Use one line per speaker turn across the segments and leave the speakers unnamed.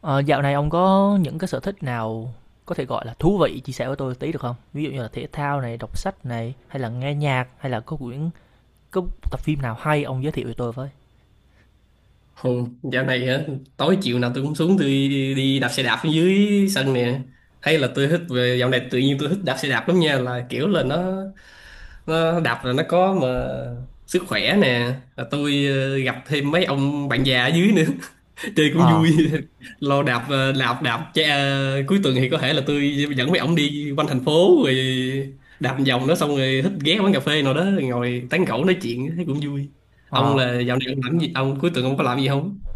Ờ, Dạo này ông có những cái sở thích nào có thể gọi là thú vị chia sẻ với tôi tí được không? Ví dụ như là thể thao này, đọc sách này, hay là nghe nhạc, hay là có quyển có tập phim nào hay ông giới thiệu với tôi với.
Không, dạo này á, tối chiều nào tôi cũng xuống tôi đi đạp xe đạp ở dưới sân nè. Hay là tôi thích về dạo này tự nhiên tôi thích đạp xe đạp lắm nha, là kiểu là nó đạp là nó có mà sức khỏe nè, là tôi gặp thêm mấy ông bạn già ở dưới nữa chơi cũng
Ờ,
vui lo đạp đạp đạp chạy, cuối tuần thì có thể là tôi dẫn mấy ông đi quanh thành phố, rồi đạp một vòng đó, xong rồi thích ghé quán cà phê nào đó ngồi tán gẫu nói chuyện thấy cũng vui. Ông
ờ,
là dạo này ông làm gì, ông cuối tuần ông có làm gì không?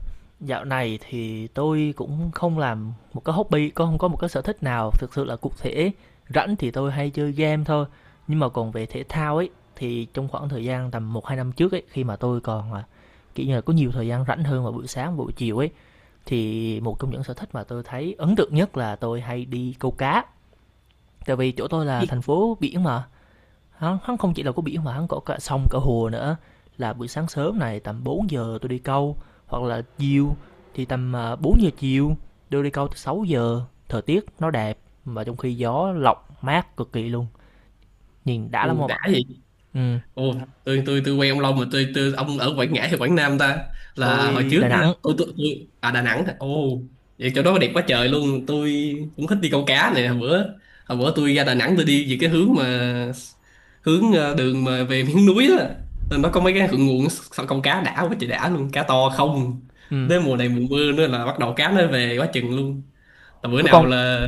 Dạo này thì tôi cũng không làm một cái hobby, có không có một cái sở thích nào thực sự là cụ thể. Rảnh thì tôi hay chơi game thôi. Nhưng mà còn về thể thao ấy thì trong khoảng thời gian tầm một 2 năm trước ấy khi mà tôi còn kiểu như là có nhiều thời gian rảnh hơn vào buổi sáng buổi chiều ấy. Thì một trong những sở thích mà tôi thấy ấn tượng nhất là tôi hay đi câu cá, tại vì chỗ tôi là thành phố biển mà, hắn không chỉ là có biển mà hắn có cả sông, cả hồ nữa. Là buổi sáng sớm này tầm bốn giờ tôi đi câu, hoặc là chiều thì tầm, bốn giờ chiều, tôi đi câu tới sáu giờ. Thời tiết nó đẹp mà trong khi gió lọc mát cực kỳ luôn, nhìn đã lắm
Ui,
ông
đã
ạ.
vậy.
Ừm,
Ồ, tôi quen ông Long mà tôi ông ở Quảng Ngãi hay Quảng Nam ta? Là hồi
tôi
trước
Đà
á,
Nẵng,
tôi à Đà Nẵng hả? Ồ, vậy chỗ đó đẹp quá trời luôn. Tôi cũng thích đi câu cá này. Hồi bữa tôi ra Đà Nẵng tôi đi về cái hướng mà hướng đường mà về miếng núi đó. Rồi nó có mấy cái thượng nguồn sao câu cá đã quá trời đã luôn, cá to không.
ừm,
Đến mùa này mùa mưa nữa là bắt đầu cá nó về quá chừng luôn, là bữa
cái
nào
con
là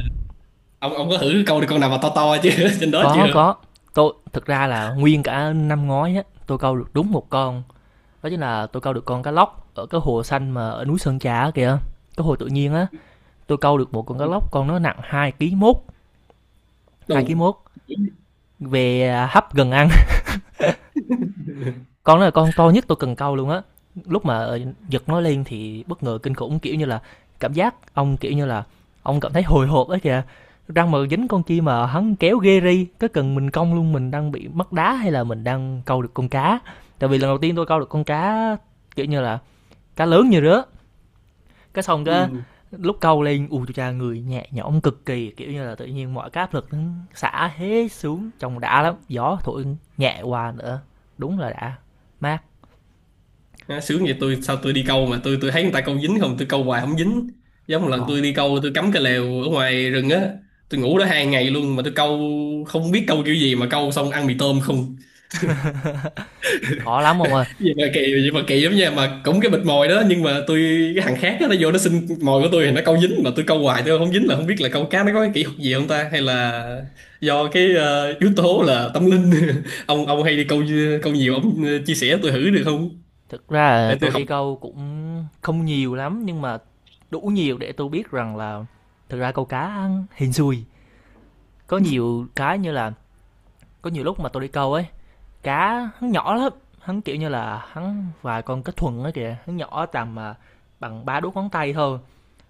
ông có thử câu được con nào mà to to chứ trên đó chưa?
có, tôi thực ra là nguyên cả năm ngoái á, tôi câu được đúng một con, đó chính là tôi câu được con cá lóc ở cái hồ xanh mà ở núi Sơn Trà kìa, cái hồ tự nhiên á, tôi câu được một con cá lóc con, nó nặng hai ký mốt. Hai ký
Đủ.
mốt về hấp gần ăn. Con đó là con to nhất tôi cần câu luôn á. Lúc mà giật nó lên thì bất ngờ kinh khủng, kiểu như là cảm giác ông kiểu như là ông cảm thấy hồi hộp ấy kìa, răng mà dính con chi mà hắn kéo ghê ri, cái cần mình cong luôn, mình đang bị mất đá hay là mình đang câu được con cá. Tại vì lần đầu tiên tôi câu được con cá kiểu như là cá lớn như rứa, cái xong cái
Ừ.
lúc câu lên u chú cha người nhẹ nhõm cực kỳ, kiểu như là tự nhiên mọi cái áp lực nó xả hết xuống, trông đã lắm, gió thổi nhẹ qua nữa, đúng là đã, mát.
Nó sướng vậy, tôi sao tôi đi câu mà tôi thấy người ta câu dính, không tôi câu hoài không dính. Giống một lần tôi
Khó,
đi câu tôi cắm cái lều ở ngoài rừng á, tôi ngủ đó hai ngày luôn mà tôi câu không biết câu kiểu gì mà câu xong ăn mì tôm không.
khó lắm ông ơi.
Vậy mà kỳ, vậy mà kỳ lắm nha, mà cũng cái bịch mồi đó nhưng mà tôi cái thằng khác đó, nó vô nó xin mồi của tôi thì nó câu dính, mà tôi câu hoài tôi không dính, là không biết là câu cá nó có cái kỹ thuật gì không ta, hay là do cái yếu tố là tâm linh. Ông hay đi câu, câu nhiều, ông chia sẻ tôi thử được không,
Thực ra là
để tôi
tôi
học.
đi câu cũng không nhiều lắm nhưng mà đủ nhiều để tôi biết rằng là thực ra câu cá hên xui. Có nhiều cái như là có nhiều lúc mà tôi đi câu ấy, cá hắn nhỏ lắm, hắn kiểu như là hắn vài con cá thuần ấy kìa, hắn nhỏ tầm bằng ba đốt ngón tay thôi.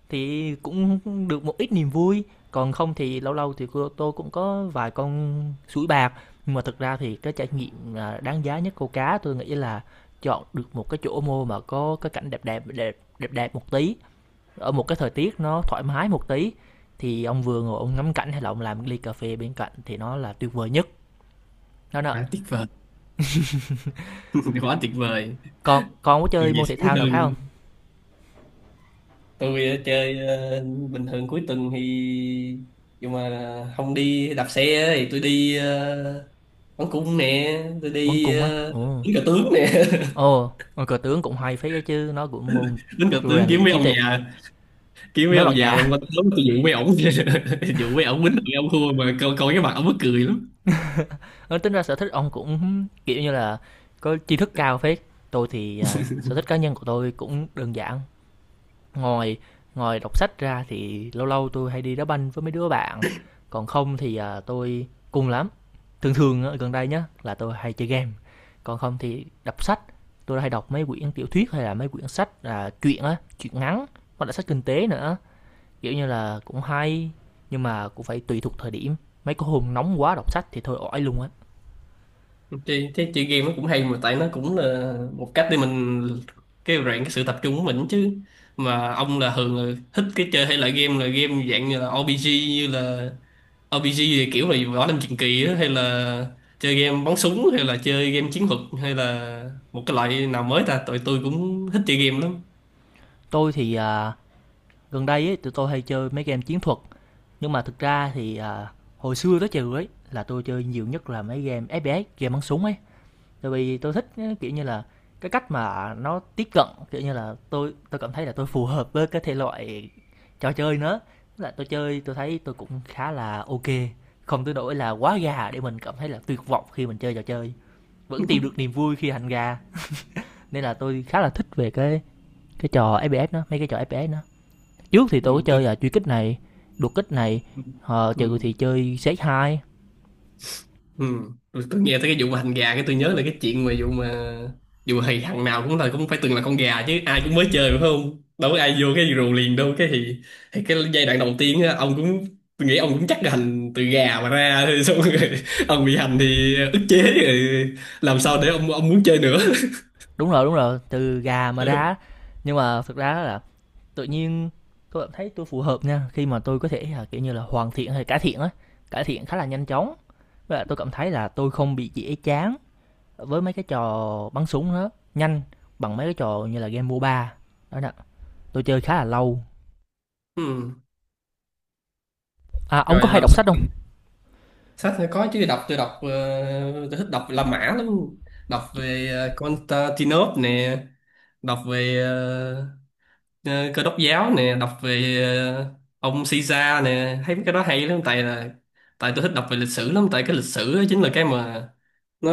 Thì cũng được một ít niềm vui, còn không thì lâu lâu thì tôi cũng có vài con sủi bạc. Nhưng mà thực ra thì cái trải nghiệm, đáng giá nhất câu cá tôi nghĩ là chọn được một cái chỗ mua mà có cái cảnh đẹp đẹp đẹp đẹp đẹp một tí, ở một cái thời tiết nó thoải mái một tí, thì ông vừa ngồi ông ngắm cảnh hay là ông làm một ly cà phê bên cạnh thì nó là tuyệt vời nhất. Đó nè,
À, tiếc vời quá, tuyệt vời.
còn còn có
Điều
chơi
gì
môn thể
sướng
thao nào khác không?
hơn. Tôi chơi bình thường cuối tuần thì nhưng mà không đi đạp xe thì tôi đi bắn cung nè, tôi
Bắn
đi
cung á? Ồ,
đánh cờ tướng nè.
ồ, cờ tướng cũng hay phết ấy chứ, nó cũng môn
Đánh cờ tướng
rèn
kiếm
luyện
mấy
trí
ông
tuệ.
già, kiếm mấy
Mấy bạn
ông già mà
già.
qua tôi dụ mấy ổng dụ mấy ổng quýnh mấy ông khua mà coi, coi cái mặt ổng mắc cười lắm.
Nói tính ra sở thích ông cũng kiểu như là có tri thức cao phết. Tôi thì sở thích cá nhân của tôi cũng đơn giản. Ngoài ngoài đọc sách ra thì lâu lâu tôi hay đi đá banh với mấy đứa bạn. Còn không thì tôi cùng lắm. Thường thường ở gần đây nhá là tôi hay chơi game. Còn không thì đọc sách. Tôi hay đọc mấy quyển tiểu thuyết hay là mấy quyển sách truyện á, truyện ngắn hoặc là sách kinh tế nữa. Kiểu như là cũng hay nhưng mà cũng phải tùy thuộc thời điểm. Mấy cái hôm nóng quá đọc sách thì thôi ỏi luôn á.
Chị, thế chị game nó cũng hay mà, tại nó cũng là một cách để mình kêu rèn cái sự tập trung của mình chứ. Mà ông là thường là thích cái chơi hay là game, là game dạng như là RPG, như là RPG thì kiểu là võ lâm truyền kỳ á, hay là chơi game bắn súng hay là chơi game chiến thuật hay là một cái loại nào mới ta, tụi tôi cũng thích chơi game lắm.
Tôi thì gần đây ấy, tụi tôi hay chơi mấy game chiến thuật nhưng mà thực ra thì hồi xưa tới trừ ấy là tôi chơi nhiều nhất là mấy game FPS, game bắn súng ấy. Tại vì tôi thích á, kiểu như là cái cách mà nó tiếp cận kiểu như là tôi cảm thấy là tôi phù hợp với cái thể loại trò chơi nữa. Tức là tôi chơi tôi thấy tôi cũng khá là ok, không tới nỗi là quá gà để mình cảm thấy là tuyệt vọng khi mình chơi trò chơi. Vẫn tìm được niềm vui khi hành gà nên là tôi khá là thích về cái trò FPS đó, mấy cái trò FPS đó. Trước thì
Ừ,
tôi có
tôi.
chơi là truy kích này, đột kích này,
Ừ.
ờ,
Ừ.
trừ thì chơi xếp hai.
Ừ. Tôi nghe tới cái vụ mà hành gà, cái tôi nhớ là cái chuyện mà vụ thì thằng nào cũng là cũng phải từng là con gà chứ, ai cũng mới chơi phải không, đâu có ai vô cái rù liền đâu, cái thì cái giai đoạn đầu tiên á, ông cũng, tôi nghĩ ông cũng chắc là hành từ gà mà ra thôi xong rồi ông bị hành thì ức chế rồi làm sao để ông muốn chơi nữa.
Đúng rồi, đúng rồi, từ gà mà ra. Nhưng mà thực ra là tự nhiên tôi cảm thấy tôi phù hợp nha khi mà tôi có thể là kiểu như là hoàn thiện hay cải thiện khá là nhanh chóng. Với lại tôi cảm thấy là tôi không bị dễ chán với mấy cái trò bắn súng đó nhanh bằng mấy cái trò như là game MOBA đó nè, tôi chơi khá là lâu.
Ừ.
À, ông có
Rồi
hay
làm
đọc
sao.
sách không?
Sách thì có chứ, đọc tôi đọc tôi thích đọc La Mã lắm, đọc về Constantinople nè, đọc về ờ, cơ đốc giáo nè, đọc về ông Caesar nè, thấy mấy cái đó hay lắm, tại là tại tôi thích đọc về lịch sử lắm, tại cái lịch sử á chính là cái mà nó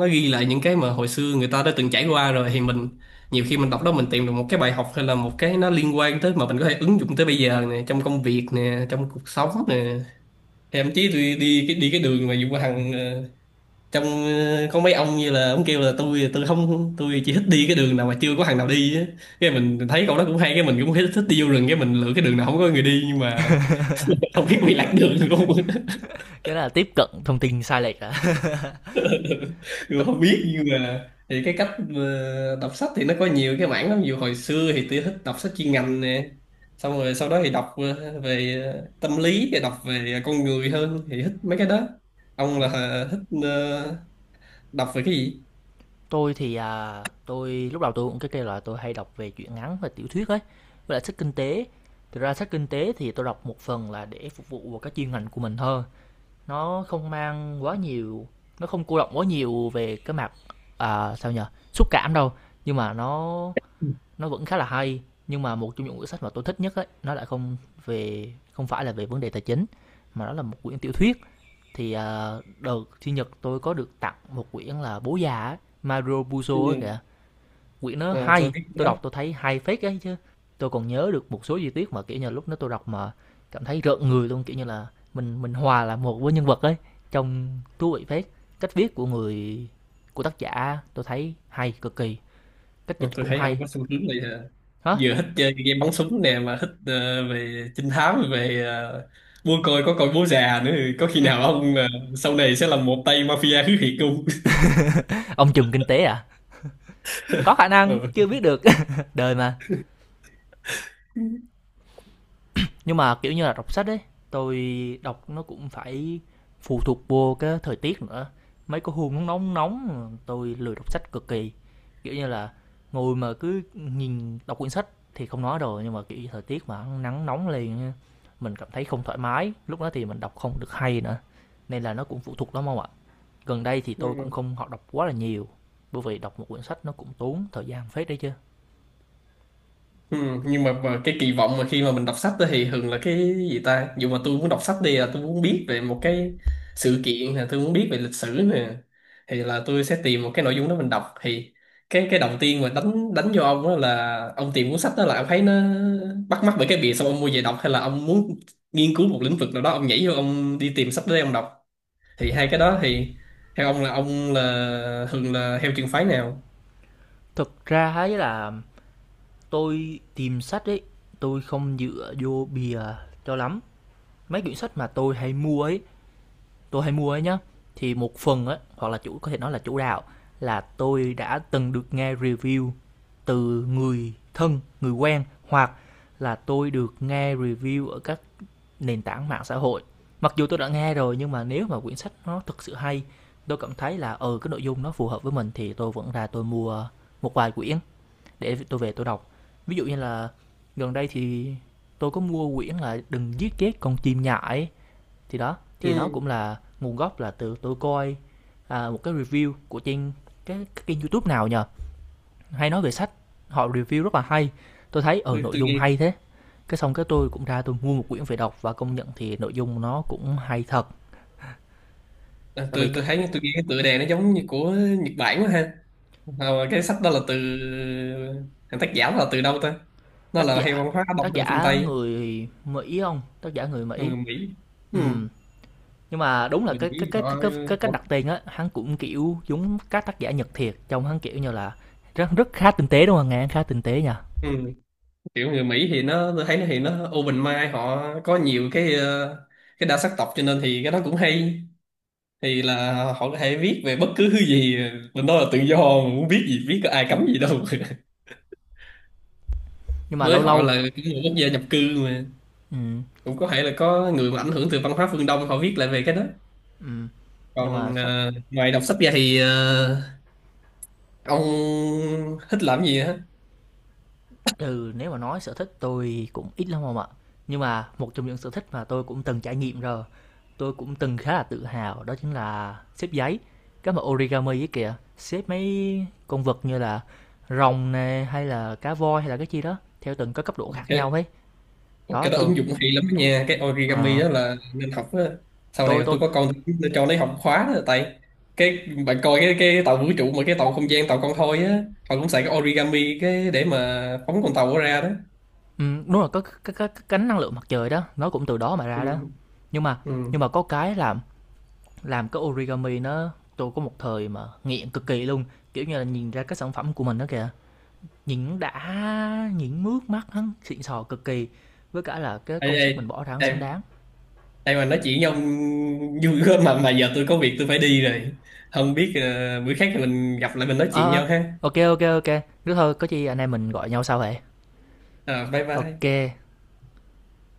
nó ghi lại những cái mà hồi xưa người ta đã từng trải qua rồi, thì mình nhiều khi mình đọc đó mình tìm được một cái bài học hay là một cái nó liên quan tới mà mình có thể ứng dụng tới bây giờ nè, trong công việc nè, trong cuộc sống nè. Thậm chí tôi đi cái đường mà Vũ Hằng, trong có mấy ông như là ông kêu là tôi không, tôi chỉ thích đi cái đường nào mà chưa có thằng nào đi á, cái mình thấy câu đó cũng hay, cái mình cũng thích thích đi vô rừng, cái mình lựa cái đường nào không có người đi, nhưng mà không biết bị lạc đường luôn.
Cái đó là tiếp cận thông tin sai lệch à.
Người không biết, nhưng mà thì cái cách đọc sách thì nó có nhiều cái mảng lắm, dù hồi xưa thì tôi thích đọc sách chuyên ngành nè, xong rồi sau đó thì đọc về tâm lý, rồi đọc về con người hơn thì thích mấy cái đó. Ông là thích đọc về cái gì?
Tôi thì, tôi lúc đầu tôi cũng cái kêu là tôi hay đọc về truyện ngắn và tiểu thuyết ấy, với lại sách kinh tế. Thực ra sách kinh tế thì tôi đọc một phần là để phục vụ vào cái chuyên ngành của mình hơn. Nó không mang quá nhiều, nó không cô động quá nhiều về cái mặt à, sao nhờ, xúc cảm đâu, nhưng mà nó vẫn khá là hay. Nhưng mà một trong những quyển sách mà tôi thích nhất ấy, nó lại không về không phải là về vấn đề tài chính mà nó là một quyển tiểu thuyết. Thì đợt sinh nhật tôi có được tặng một quyển là Bố Già, Mario Puzo á kìa,
Ừ.
quyển nó
Ờ, tôi
hay, tôi
biết.
đọc tôi thấy hay phết ấy chứ. Tôi còn nhớ được một số chi tiết mà kiểu như lúc đó tôi đọc mà cảm thấy rợn người luôn, kiểu như là mình hòa là một với nhân vật ấy, trong thú vị phết. Cách viết của người của tác giả tôi thấy hay cực kỳ, cách
Ờ,
dịch
tôi
cũng
thấy
hay.
ông có xu hướng này à,
Hả?
vừa thích chơi game bắn súng nè mà thích về trinh thám, về buôn, coi có coi bố già nữa. Có khi nào ông sau này sẽ là một tay mafia thứ thiệt không?
Ông trùm kinh tế à, có khả năng chưa biết được. Đời mà. Nhưng mà, kiểu như là, đọc sách ấy, tôi đọc nó cũng phải phụ thuộc vô cái thời tiết nữa. Mấy cái hôm nó nóng nóng, tôi lười đọc sách cực kỳ. Kiểu như là, ngồi mà cứ nhìn đọc quyển sách thì không nói rồi, nhưng mà, kiểu thời tiết mà nắng nóng liền mình cảm thấy không thoải mái, lúc đó thì mình đọc không được hay nữa. Nên là nó cũng phụ thuộc lắm ông ạ. Gần đây thì tôi cũng
Ờ.
không học đọc quá là nhiều, bởi vì đọc một quyển sách nó cũng tốn thời gian phết đấy chứ.
Ừ, nhưng mà cái kỳ vọng mà khi mà mình đọc sách đó thì thường là cái gì ta, dù mà tôi muốn đọc sách đi là tôi muốn biết về một cái sự kiện, là tôi muốn biết về lịch sử nè, thì là tôi sẽ tìm một cái nội dung đó mình đọc. Thì cái đầu tiên mà đánh đánh vô ông đó là ông tìm cuốn sách đó là ông thấy nó bắt mắt bởi cái bìa, xong ông mua về đọc, hay là ông muốn nghiên cứu một lĩnh vực nào đó ông nhảy vô ông đi tìm sách để ông đọc, thì hai cái đó thì theo ông là thường là theo trường phái nào?
Thực ra ấy là tôi tìm sách ấy, tôi không dựa vô bìa cho lắm. Mấy quyển sách mà tôi hay mua ấy, tôi hay mua ấy nhá, thì một phần ấy hoặc là chủ có thể nói là chủ đạo là tôi đã từng được nghe review từ người thân, người quen hoặc là tôi được nghe review ở các nền tảng mạng xã hội. Mặc dù tôi đã nghe rồi nhưng mà nếu mà quyển sách nó thực sự hay, tôi cảm thấy là ừ cái nội dung nó phù hợp với mình thì tôi vẫn ra tôi mua một vài quyển để tôi về tôi đọc. Ví dụ như là gần đây thì tôi có mua quyển là Đừng Giết Chết Con Chim Nhại, thì đó thì nó
Ừ,
cũng là nguồn gốc là từ tôi coi một cái review của trên cái kênh youtube nào nhờ hay nói về sách, họ review rất là hay, tôi thấy ở
tôi,
nội
tôi
dung hay
nghe.
thế, cái xong cái tôi cũng ra tôi mua một quyển về đọc và công nhận thì nội dung nó cũng hay thật.
À,
Tại vì
tôi thấy tôi nghĩ cái tựa đề nó giống như của Nhật Bản quá ha. Ờ, cái sách đó là từ thằng tác giả là từ đâu ta, nó
tác
là
giả
hay văn hóa đông
tác
hay là phương
giả
Tây?
người Mỹ không, tác giả người
Còn
Mỹ.
người Mỹ. Ừ.
Ừ, nhưng mà đúng là
Người
cái cái
Mỹ
cái
họ,
cái cái cái cách đặt
họ.
tên á hắn cũng kiểu giống các tác giả Nhật thiệt, trông hắn kiểu như là rất rất khá tinh tế đúng không, nghe khá tinh tế nha.
Ừ. Kiểu người Mỹ thì nó tôi thấy nó thì nó open mind, họ có nhiều cái cái đa sắc tộc cho nên thì cái đó cũng hay, thì là họ có thể viết về bất cứ thứ gì, mình nói là tự do, muốn viết gì viết, có ai cấm gì đâu.
Nhưng mà
Với
lâu
họ
lâu,
là cái người quốc gia nhập cư mà,
ừ,
cũng có thể là có người mà ảnh hưởng từ văn hóa phương Đông họ viết lại về cái đó.
ừ, nhưng mà
Còn
sách
ngoài đọc sách ra thì ờ, ông thích làm gì hả?
từ nếu mà nói sở thích tôi cũng ít lắm không ạ, nhưng mà một trong những sở thích mà tôi cũng từng trải nghiệm rồi, tôi cũng từng khá là tự hào đó chính là xếp giấy, cái mà origami ấy kìa, xếp mấy con vật như là rồng nè hay là cá voi hay là cái chi đó theo từng cái cấp độ khác nhau
OK.
ấy.
Ôi,
Đó
cái đó
tôi,
ứng dụng hay lắm đó nha, cái origami
ờ,
đó là nên học á. Sau này
Tôi tôi,
tôi có con tôi cũng cho nó học khóa đó, tại cái bạn coi cái tàu vũ trụ mà cái tàu không gian tàu con thoi á, họ cũng xài cái origami cái để mà phóng con tàu đó ra đó.
đúng là có cái cánh năng lượng mặt trời đó, nó cũng từ đó mà
Ừ.
ra đó. Nhưng mà nhưng
Ừ.
mà có cái làm cái origami nó tôi có một thời mà nghiện cực kỳ luôn, kiểu như là nhìn ra cái sản phẩm của mình đó kìa, nhìn đã, nhìn mướt mắt hắn xịn sò cực kỳ, với cả là cái
Ê,
công
ê,
sức mình bỏ ra hắn
ê,
xứng đáng.
đây mà nói chuyện với ông vui quá, mà giờ tôi có việc tôi phải đi rồi. Không biết bữa khác thì mình gặp lại mình nói
Ờ
chuyện
ờ,
nhau ha.
ok ok ok, nếu thôi có chi anh em mình gọi nhau sau vậy.
Ờ, bye
Ok.
bye.